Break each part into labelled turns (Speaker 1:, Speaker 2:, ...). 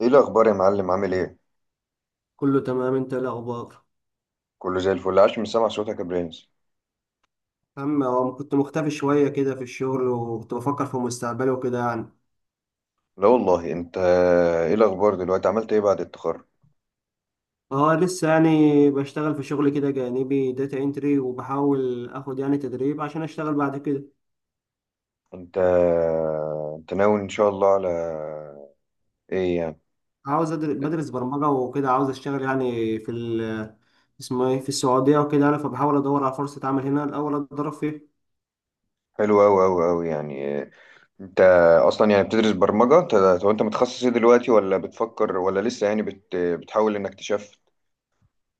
Speaker 1: ايه الاخبار يا معلم، عامل ايه؟
Speaker 2: كله تمام، انت ايه الاخبار؟
Speaker 1: كله زي الفل، عاش من سمع صوتك يا برنس.
Speaker 2: هو كنت مختفي شويه كده في الشغل، وكنت بفكر في مستقبلي وكده يعني.
Speaker 1: لا والله، انت ايه الاخبار دلوقتي، عملت ايه بعد التخرج؟
Speaker 2: اه، لسه يعني بشتغل في شغل كده جانبي داتا انتري، وبحاول اخد يعني تدريب عشان اشتغل بعد كده.
Speaker 1: انت انت ناوي ان شاء الله على ايه يعني؟
Speaker 2: عاوز بدرس برمجه وكده، عاوز اشتغل يعني في ال اسمه ايه في السعوديه وكده يعني، فبحاول ادور على فرصه عمل هنا الاول اتدرب فيها.
Speaker 1: حلو اوي اوي اوي يعني. انت اصلا يعني بتدرس برمجة انت. طب انت متخصص ايه دلوقتي، ولا بتفكر، ولا لسه يعني بتحاول انك تشفت؟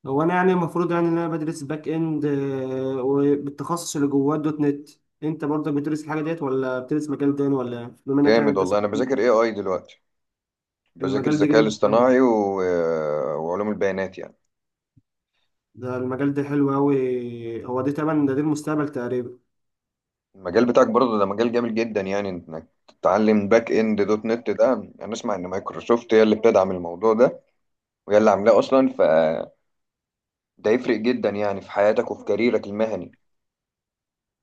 Speaker 2: هو انا يعني المفروض يعني ان انا بدرس باك اند، وبالتخصص اللي جواه دوت نت. انت برضك بتدرس الحاجه ديت ولا بتدرس مجال تاني ولا إيه؟ بما انك يعني
Speaker 1: جامد
Speaker 2: انت
Speaker 1: والله. انا بذاكر اي اي دلوقتي، بذاكر
Speaker 2: المجال ده
Speaker 1: الذكاء
Speaker 2: جامد قوي.
Speaker 1: الاصطناعي وعلوم البيانات يعني.
Speaker 2: ده المجال ده حلو قوي، هو ده تمام، ده المستقبل تقريبا.
Speaker 1: المجال بتاعك برضه ده مجال جامد جدا يعني، انك تتعلم باك اند دوت نت. ده انا اسمع ان مايكروسوفت هي اللي بتدعم الموضوع ده، وهي اللي عاملاه اصلا، فده يفرق جدا يعني في حياتك وفي كاريرك المهني.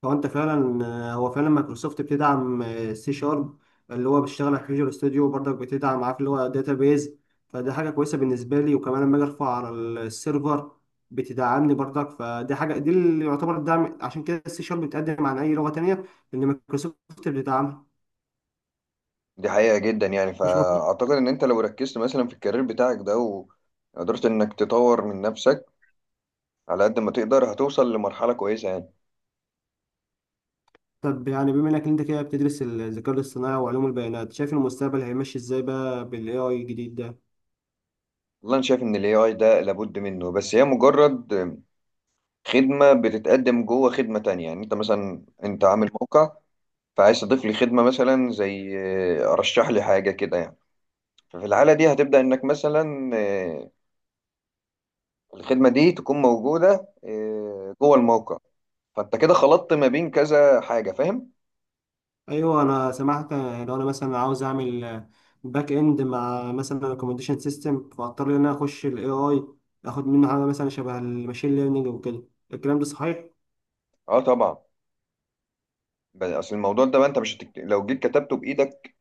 Speaker 2: هو انت فعلا. هو فعلا مايكروسوفت بتدعم، سي شارب اللي هو بيشتغل على فيجوال ستوديو، برضك بتدعم عارف اللي هو داتابيز. فدي حاجه كويسه بالنسبه لي، وكمان لما اجي ارفع على السيرفر بتدعمني برضك. فدي حاجه دي اللي يعتبر الدعم، عشان كده السي شارب بتقدم عن اي لغه تانية لان مايكروسوفت بتدعمها.
Speaker 1: دي حقيقة جدا يعني،
Speaker 2: مش مفروض.
Speaker 1: فاعتقد ان انت لو ركزت مثلا في الكارير بتاعك ده، وقدرت انك تطور من نفسك على قد ما تقدر، هتوصل لمرحلة كويسة يعني.
Speaker 2: طب يعني بما انك انت كده بتدرس الذكاء الاصطناعي وعلوم البيانات، شايف المستقبل هيمشي ازاي بقى بالاي اي الجديد ده؟
Speaker 1: والله انا شايف ان الاي اي ده لابد منه، بس هي مجرد خدمة بتتقدم جوه خدمة تانية. يعني انت مثلا انت عامل موقع، فعايز تضيف لي خدمة مثلا زي رشح لي حاجة كده يعني. ففي الحالة دي هتبدأ إنك مثلا الخدمة دي تكون موجودة جوه الموقع. فأنت كده خلطت ما بين كذا حاجة، فاهم؟
Speaker 2: ايوه، انا سمعت لو انا مثلا عاوز اعمل باك اند مع مثلا ريكومنديشن سيستم فاضطر ان انا اخش الاي اي، اخد منه حاجه مثلا شبه الماشين ليرنينج وكده. الكلام ده صحيح؟
Speaker 1: أه طبعا. أصل الموضوع ده بقى، أنت مش لو جيت كتبته بإيدك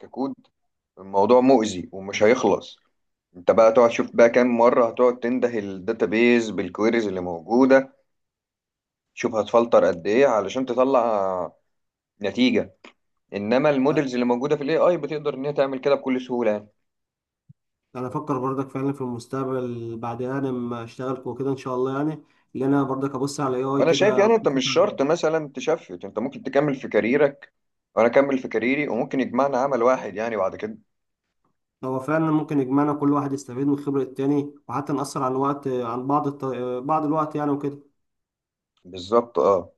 Speaker 1: ككود، الموضوع مؤذي ومش هيخلص. أنت بقى تقعد تشوف بقى كام مرة هتقعد تنده الداتابيز بالكويريز اللي موجودة، شوف هتفلتر قد إيه علشان تطلع نتيجة. انما
Speaker 2: أ-
Speaker 1: المودلز اللي موجوده في الاي اي بتقدر ان هي تعمل كده بكل سهوله يعني.
Speaker 2: انا افكر برضك فعلا في المستقبل بعد انا ما اشتغل وكده ان شاء الله يعني، اللي انا برضك ابص على الاي اي
Speaker 1: وانا شايف
Speaker 2: كده
Speaker 1: يعني، انت مش شرط مثلا تشفت، انت ممكن تكمل في كاريرك وانا اكمل في كاريري، وممكن يجمعنا عمل واحد يعني بعد كده.
Speaker 2: هو فعلا ممكن يجمعنا، كل واحد يستفيد من خبره التاني، وحتى نأثر عن وقت عن بعض بعض الوقت يعني وكده.
Speaker 1: بالظبط اه.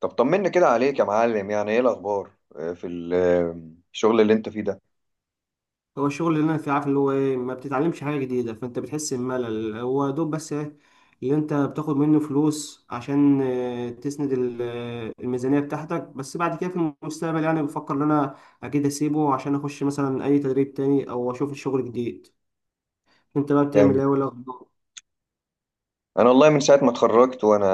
Speaker 1: طب طمنا كده عليك يا معلم. يعني ايه الاخبار في الشغل اللي انت فيه ده؟
Speaker 2: هو الشغل اللي انا فيه، عارف اللي هو ايه؟ ما بتتعلمش حاجه جديده فانت بتحس بملل، هو دوب بس ايه اللي انت بتاخد منه فلوس عشان تسند الميزانيه بتاعتك. بس بعد كده في المستقبل يعني بفكر ان انا اكيد اسيبه عشان اخش مثلا اي تدريب تاني او اشوف شغل جديد. انت بقى بتعمل
Speaker 1: جامد.
Speaker 2: ايه ولا اخبار؟
Speaker 1: انا والله من ساعه ما اتخرجت وانا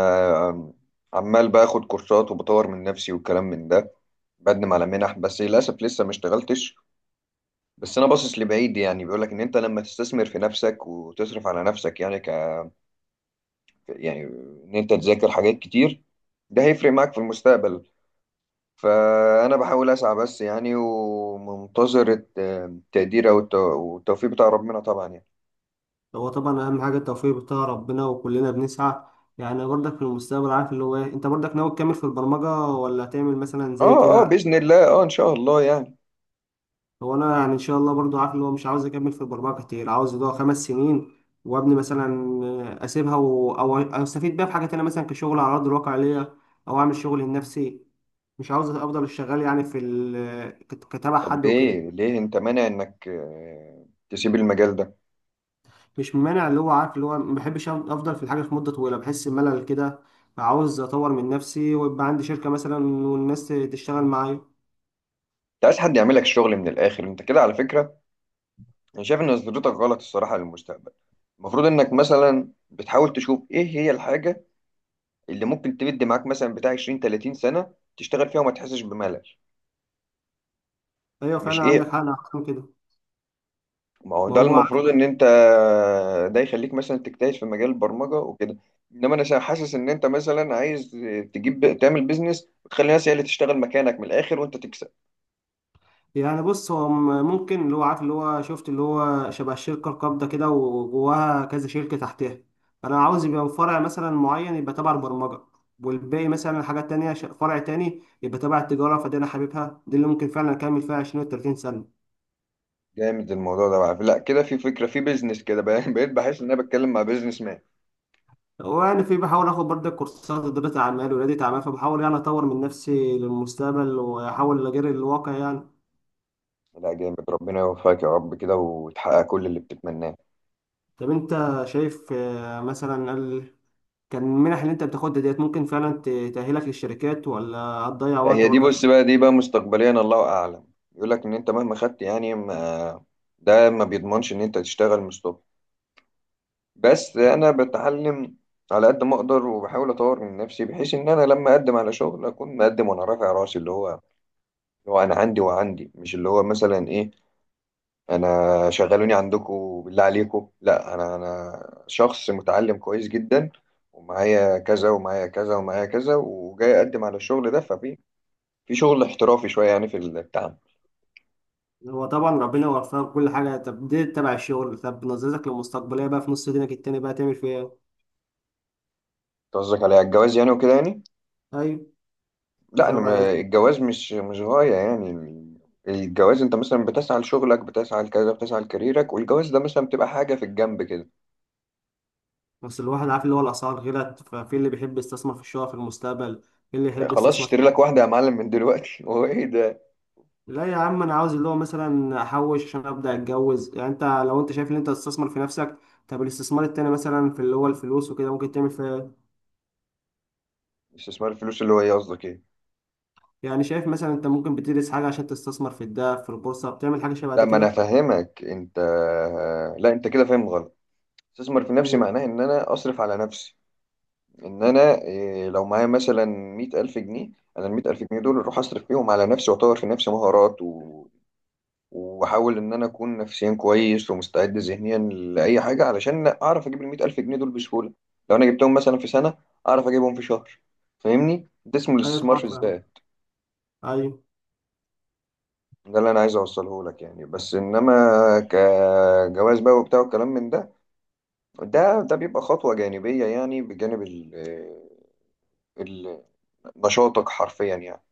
Speaker 1: آم، عمال باخد كورسات وبطور من نفسي والكلام من ده، بقدم على منح، بس للاسف لسه ما اشتغلتش. بس انا باصص لبعيد يعني، بيقول لك ان انت لما تستثمر في نفسك وتصرف على نفسك، يعني يعني ان انت تذاكر حاجات كتير، ده هيفرق معاك في المستقبل. فانا بحاول اسعى بس يعني، ومنتظر التقدير او والتوفيق بتاع ربنا طبعا يعني.
Speaker 2: هو طبعا اهم حاجه التوفيق بتاع ربنا، وكلنا بنسعى. يعني برضك في المستقبل، عارف اللي هو ايه، انت برضك ناوي تكمل في البرمجه ولا تعمل مثلا زي
Speaker 1: اه اه
Speaker 2: كده؟
Speaker 1: باذن الله، اه ان شاء الله يعني.
Speaker 2: هو انا يعني ان شاء الله برضو عارف ان هو مش عاوز اكمل في البرمجه كتير، عاوز يضيع 5 سنين وابني، مثلا اسيبها أو استفيد بيها في حاجه تانية مثلا كشغل على ارض الواقع ليا، او اعمل شغل لنفسي. مش عاوز افضل شغال يعني في كتابع
Speaker 1: طب
Speaker 2: حد وكده.
Speaker 1: ليه انت مانع انك تسيب المجال ده؟
Speaker 2: مش مانع، اللي هو عارف اللي هو ما بحبش افضل في الحاجه في مده طويله، بحس بملل كده. عاوز اطور من نفسي ويبقى عندي شركه مثلا والناس تشتغل معايا.
Speaker 1: انت عايز حد يعملك الشغل من الاخر، انت كده على فكره. انا شايف ان نظرتك غلط الصراحه للمستقبل. المفروض انك مثلا بتحاول تشوف ايه هي الحاجه اللي ممكن تمد معاك مثلا بتاع 20 30 سنة تشتغل فيها وما تحسش بملل.
Speaker 2: ايوه،
Speaker 1: مش
Speaker 2: فعلا
Speaker 1: ايه،
Speaker 2: عندك حق، انا أحسن كده.
Speaker 1: ما هو
Speaker 2: ما
Speaker 1: ده
Speaker 2: هو.
Speaker 1: المفروض ان انت، ده يخليك مثلا تجتهد في مجال البرمجة وكده. انما انا حاسس ان انت مثلا عايز تجيب تعمل بيزنس وتخلي الناس هي اللي تشتغل مكانك من الاخر وانت تكسب.
Speaker 2: يعني بص، هو ممكن اللي هو عارف اللي هو شفت اللي هو شبه الشركة القابضة كده وجواها كذا شركة تحتها. أنا عاوز يبقى فرع مثلا معين يبقى تبع البرمجة، والباقي مثلا حاجات تانية، فرع تاني يبقى تبع التجارة. فدي أنا حاببها، دي اللي ممكن فعلا أكمل فيها 20 و 30 سنة.
Speaker 1: جامد الموضوع ده بقى. لا كده في فكرة، في بيزنس كده بقيت بحس ان انا بتكلم مع بيزنس مان.
Speaker 2: وأنا في بحاول آخد برضه كورسات إدارة أعمال وريادة أعمال، فبحاول يعني أطور من نفسي للمستقبل وأحاول أجري الواقع يعني.
Speaker 1: لا جامد، ربنا يوفقك يا رب كده وتحقق كل اللي بتتمناه.
Speaker 2: طب أنت شايف، مثلا كان المنح اللي انت بتاخدها ديت، ممكن فعلا تأهلك للشركات ولا هتضيع
Speaker 1: لا
Speaker 2: وقت
Speaker 1: هي دي
Speaker 2: برضك في
Speaker 1: بص بقى، دي بقى مستقبليا الله اعلم. يقول لك ان انت مهما خدت يعني، ما ده ما بيضمنش ان انت تشتغل مستقبل، بس
Speaker 2: الكتاب؟
Speaker 1: انا بتعلم على قد ما اقدر، وبحاول اطور من نفسي، بحيث ان انا لما اقدم على شغل اكون مقدم وانا رافع راسي. اللي هو انا عندي وعندي، مش اللي هو مثلا ايه، انا شغلوني عندكم بالله عليكم. لا، انا شخص متعلم كويس جدا، ومعايا كذا ومعايا كذا ومعايا كذا، وجاي اقدم على الشغل ده. ففي في شغل احترافي شويه يعني في التعامل.
Speaker 2: هو طبعا ربنا يوفقك كل حاجة. طب دي تبع الشغل، طب نظرتك للمستقبلية بقى في نص دينك التاني بقى تعمل فيها ايه؟
Speaker 1: قصدك على الجواز يعني وكده يعني؟
Speaker 2: أيوة. مش
Speaker 1: لا انا،
Speaker 2: هبقى.
Speaker 1: ما الجواز مش غاية يعني. الجواز، انت مثلا بتسعى لشغلك، بتسعى لكذا، بتسعى لكاريرك، والجواز ده مثلا بتبقى حاجة في الجنب كده
Speaker 2: بس الواحد عارف اللي هو الأسعار غلت، ففي اللي بيحب يستثمر في الشقق في المستقبل، في اللي
Speaker 1: يعني.
Speaker 2: يحب
Speaker 1: خلاص
Speaker 2: يستثمر
Speaker 1: اشتري
Speaker 2: في.
Speaker 1: لك واحدة يا معلم من دلوقتي هو ايه ده،
Speaker 2: لا يا عم، أنا عاوز اللي هو مثلا أحوش عشان أبدأ أتجوز، يعني أنت لو أنت شايف إن أنت تستثمر في نفسك، طب الاستثمار التاني مثلا في اللي هو الفلوس وكده ممكن تعمل فيها؟
Speaker 1: استثمار الفلوس اللي هو ايه، قصدك ايه؟
Speaker 2: يعني شايف مثلا انت ممكن بتدرس حاجه عشان تستثمر في الذهب، في البورصه، بتعمل حاجه شبه
Speaker 1: لا
Speaker 2: دي
Speaker 1: ما انا
Speaker 2: كده؟
Speaker 1: فاهمك انت، لا انت كده فاهم غلط. استثمر في نفسي
Speaker 2: مم.
Speaker 1: معناه ان انا اصرف على نفسي، ان انا إيه، لو معايا مثلا 100,000 جنيه، انا ال100,000 جنيه دول اروح اصرف فيهم على نفسي واطور في نفسي مهارات، واحاول ان انا اكون نفسيا كويس ومستعد ذهنيا لاي حاجه، علشان اعرف اجيب ال 100,000 جنيه دول بسهوله. لو انا جبتهم مثلا في سنه، اعرف اجيبهم في شهر، فاهمني؟ ده اسمه
Speaker 2: ايوه،
Speaker 1: الاستثمار
Speaker 2: طبعا
Speaker 1: في
Speaker 2: فاهم.
Speaker 1: الذات.
Speaker 2: ايوه.
Speaker 1: ده اللي انا عايز اوصله لك يعني. بس انما كجواز بقى وبتاع والكلام من ده، ده بيبقى خطوه جانبيه يعني، بجانب ال- نشاطك حرفيا يعني.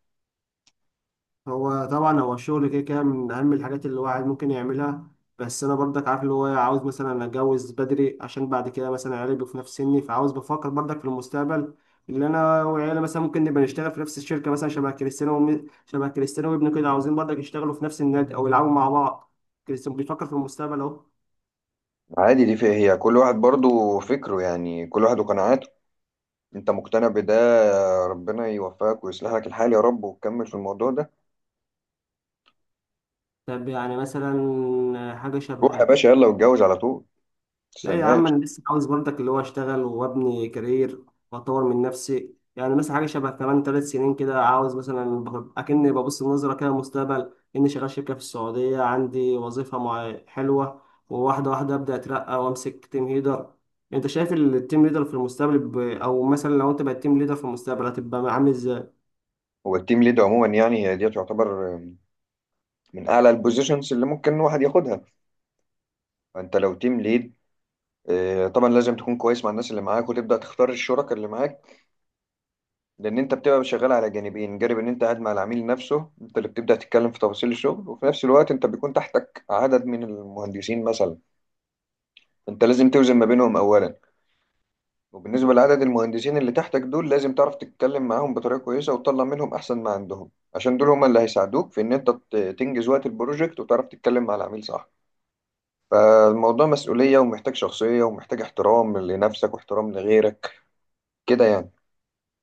Speaker 2: هو طبعا هو الشغل كده كده من اهم الحاجات اللي الواحد ممكن يعملها. بس انا برضك عارف اللي هو، عاوز مثلا اتجوز بدري، عشان بعد كده مثلا عيالي يبقوا في نفس سني، فعاوز بفكر برضك في المستقبل اللي انا وعيالي مثلا ممكن نبقى نشتغل في نفس الشركه، مثلا شبه كريستيانو وابنه كده عاوزين برضك يشتغلوا في نفس النادي او يلعبوا مع بعض. كريستيانو بيفكر في المستقبل اهو.
Speaker 1: عادي، دي فيها هي كل واحد برضو فكره يعني، كل واحد وقناعاته. انت مقتنع بده، ربنا يوفقك ويصلح لك الحال يا رب، وتكمل في الموضوع ده.
Speaker 2: طب يعني مثلا حاجة
Speaker 1: روح يا
Speaker 2: شبه.
Speaker 1: باشا يلا واتجوز على طول،
Speaker 2: لا يا عم،
Speaker 1: متستناش.
Speaker 2: انا لسه عاوز برضك اللي هو اشتغل وابني كارير، واطور من نفسي، يعني مثلا حاجه شبه كمان 3 سنين كده، عاوز مثلا اكني ببص النظره كده المستقبل، اني شغال شركه في السعوديه عندي وظيفه مع حلوه، وواحده واحده ابدا اترقى وامسك تيم ليدر. انت شايف التيم ليدر في المستقبل او مثلا لو انت بقيت تيم ليدر في المستقبل هتبقى عامل ازاي؟
Speaker 1: هو التيم ليد عموما يعني، هي دي تعتبر من اعلى البوزيشنز اللي ممكن الواحد ياخدها. فانت لو تيم ليد، اه، طبعا لازم تكون كويس مع الناس اللي معاك، وتبدا تختار الشركاء اللي معاك. لان انت بتبقى شغال على جانبين، جانب ان انت قاعد مع العميل نفسه، انت اللي بتبدا تتكلم في تفاصيل الشغل، وفي نفس الوقت انت بيكون تحتك عدد من المهندسين مثلا، انت لازم توزن ما بينهم اولا. وبالنسبة لعدد المهندسين اللي تحتك دول، لازم تعرف تتكلم معاهم بطريقة كويسة، وتطلع منهم أحسن ما عندهم، عشان دول هما اللي هيساعدوك في إن أنت تنجز وقت البروجكت، وتعرف تتكلم مع العميل صح. فالموضوع مسؤولية، ومحتاج شخصية، ومحتاج احترام لنفسك واحترام لغيرك كده يعني.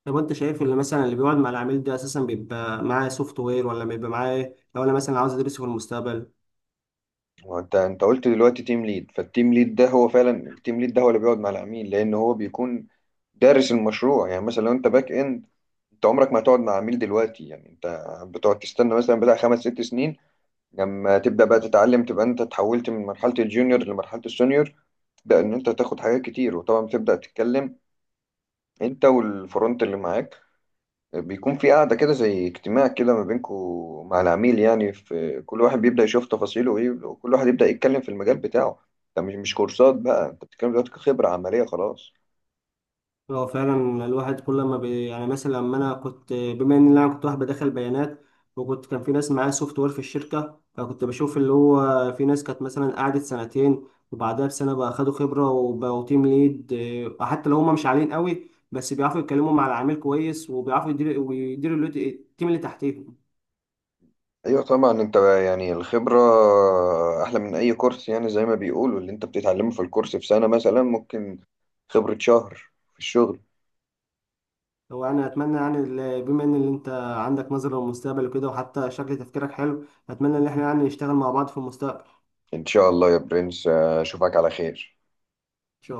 Speaker 2: طب انت شايف اللي مثلا اللي بيقعد مع العميل ده اساسا بيبقى معاه سوفت وير ولا بيبقى معاه إيه؟ لو انا مثلا عاوز ادرسه في المستقبل.
Speaker 1: وانت قلت دلوقتي تيم ليد، فالتيم ليد ده هو فعلا، التيم ليد ده هو اللي بيقعد مع العميل، لأن هو بيكون دارس المشروع. يعني مثلا لو انت باك اند، انت عمرك ما هتقعد مع عميل دلوقتي، يعني انت بتقعد تستنى مثلا بتاع 5 6 سنين، لما تبدأ بقى تتعلم، تبقى انت اتحولت من مرحلة الجونيور لمرحلة السونيور، تبدأ ان انت تاخد حاجات كتير. وطبعا بتبدأ تتكلم انت والفرونت اللي معاك، بيكون في قاعدة كده زي اجتماع كده ما بينكوا مع العميل يعني، في كل واحد بيبدأ يشوف تفاصيله ايه، وكل واحد يبدأ يتكلم في المجال بتاعه. ده مش كورسات بقى، انت بتتكلم دلوقتي كخبرة عملية خلاص.
Speaker 2: هو فعلا الواحد كل ما يعني مثلا لما انا كنت، بما ان انا كنت واحد بدخل بيانات وكنت كان في ناس معايا سوفت وير في الشركه، فكنت بشوف اللي هو في ناس كانت مثلا قعدت سنتين وبعدها بسنه بقى خدوا خبره وبقوا تيم ليد، حتى لو هم مش عاليين قوي بس بيعرفوا يتكلموا مع العميل كويس، وبيعرفوا يديروا التيم اللي تحتيهم.
Speaker 1: ايوه طبعا. انت يعني الخبرة احلى من اي كورس يعني، زي ما بيقولوا، اللي انت بتتعلمه في الكورس في سنة مثلا ممكن خبرة شهر في الشغل.
Speaker 2: هو انا اتمنى، يعني بما ان اللي انت عندك نظره للمستقبل وكده، وحتى شكل تفكيرك حلو، اتمنى ان احنا يعني نشتغل مع بعض في المستقبل.
Speaker 1: ان شاء الله يا برنس، اشوفك على خير.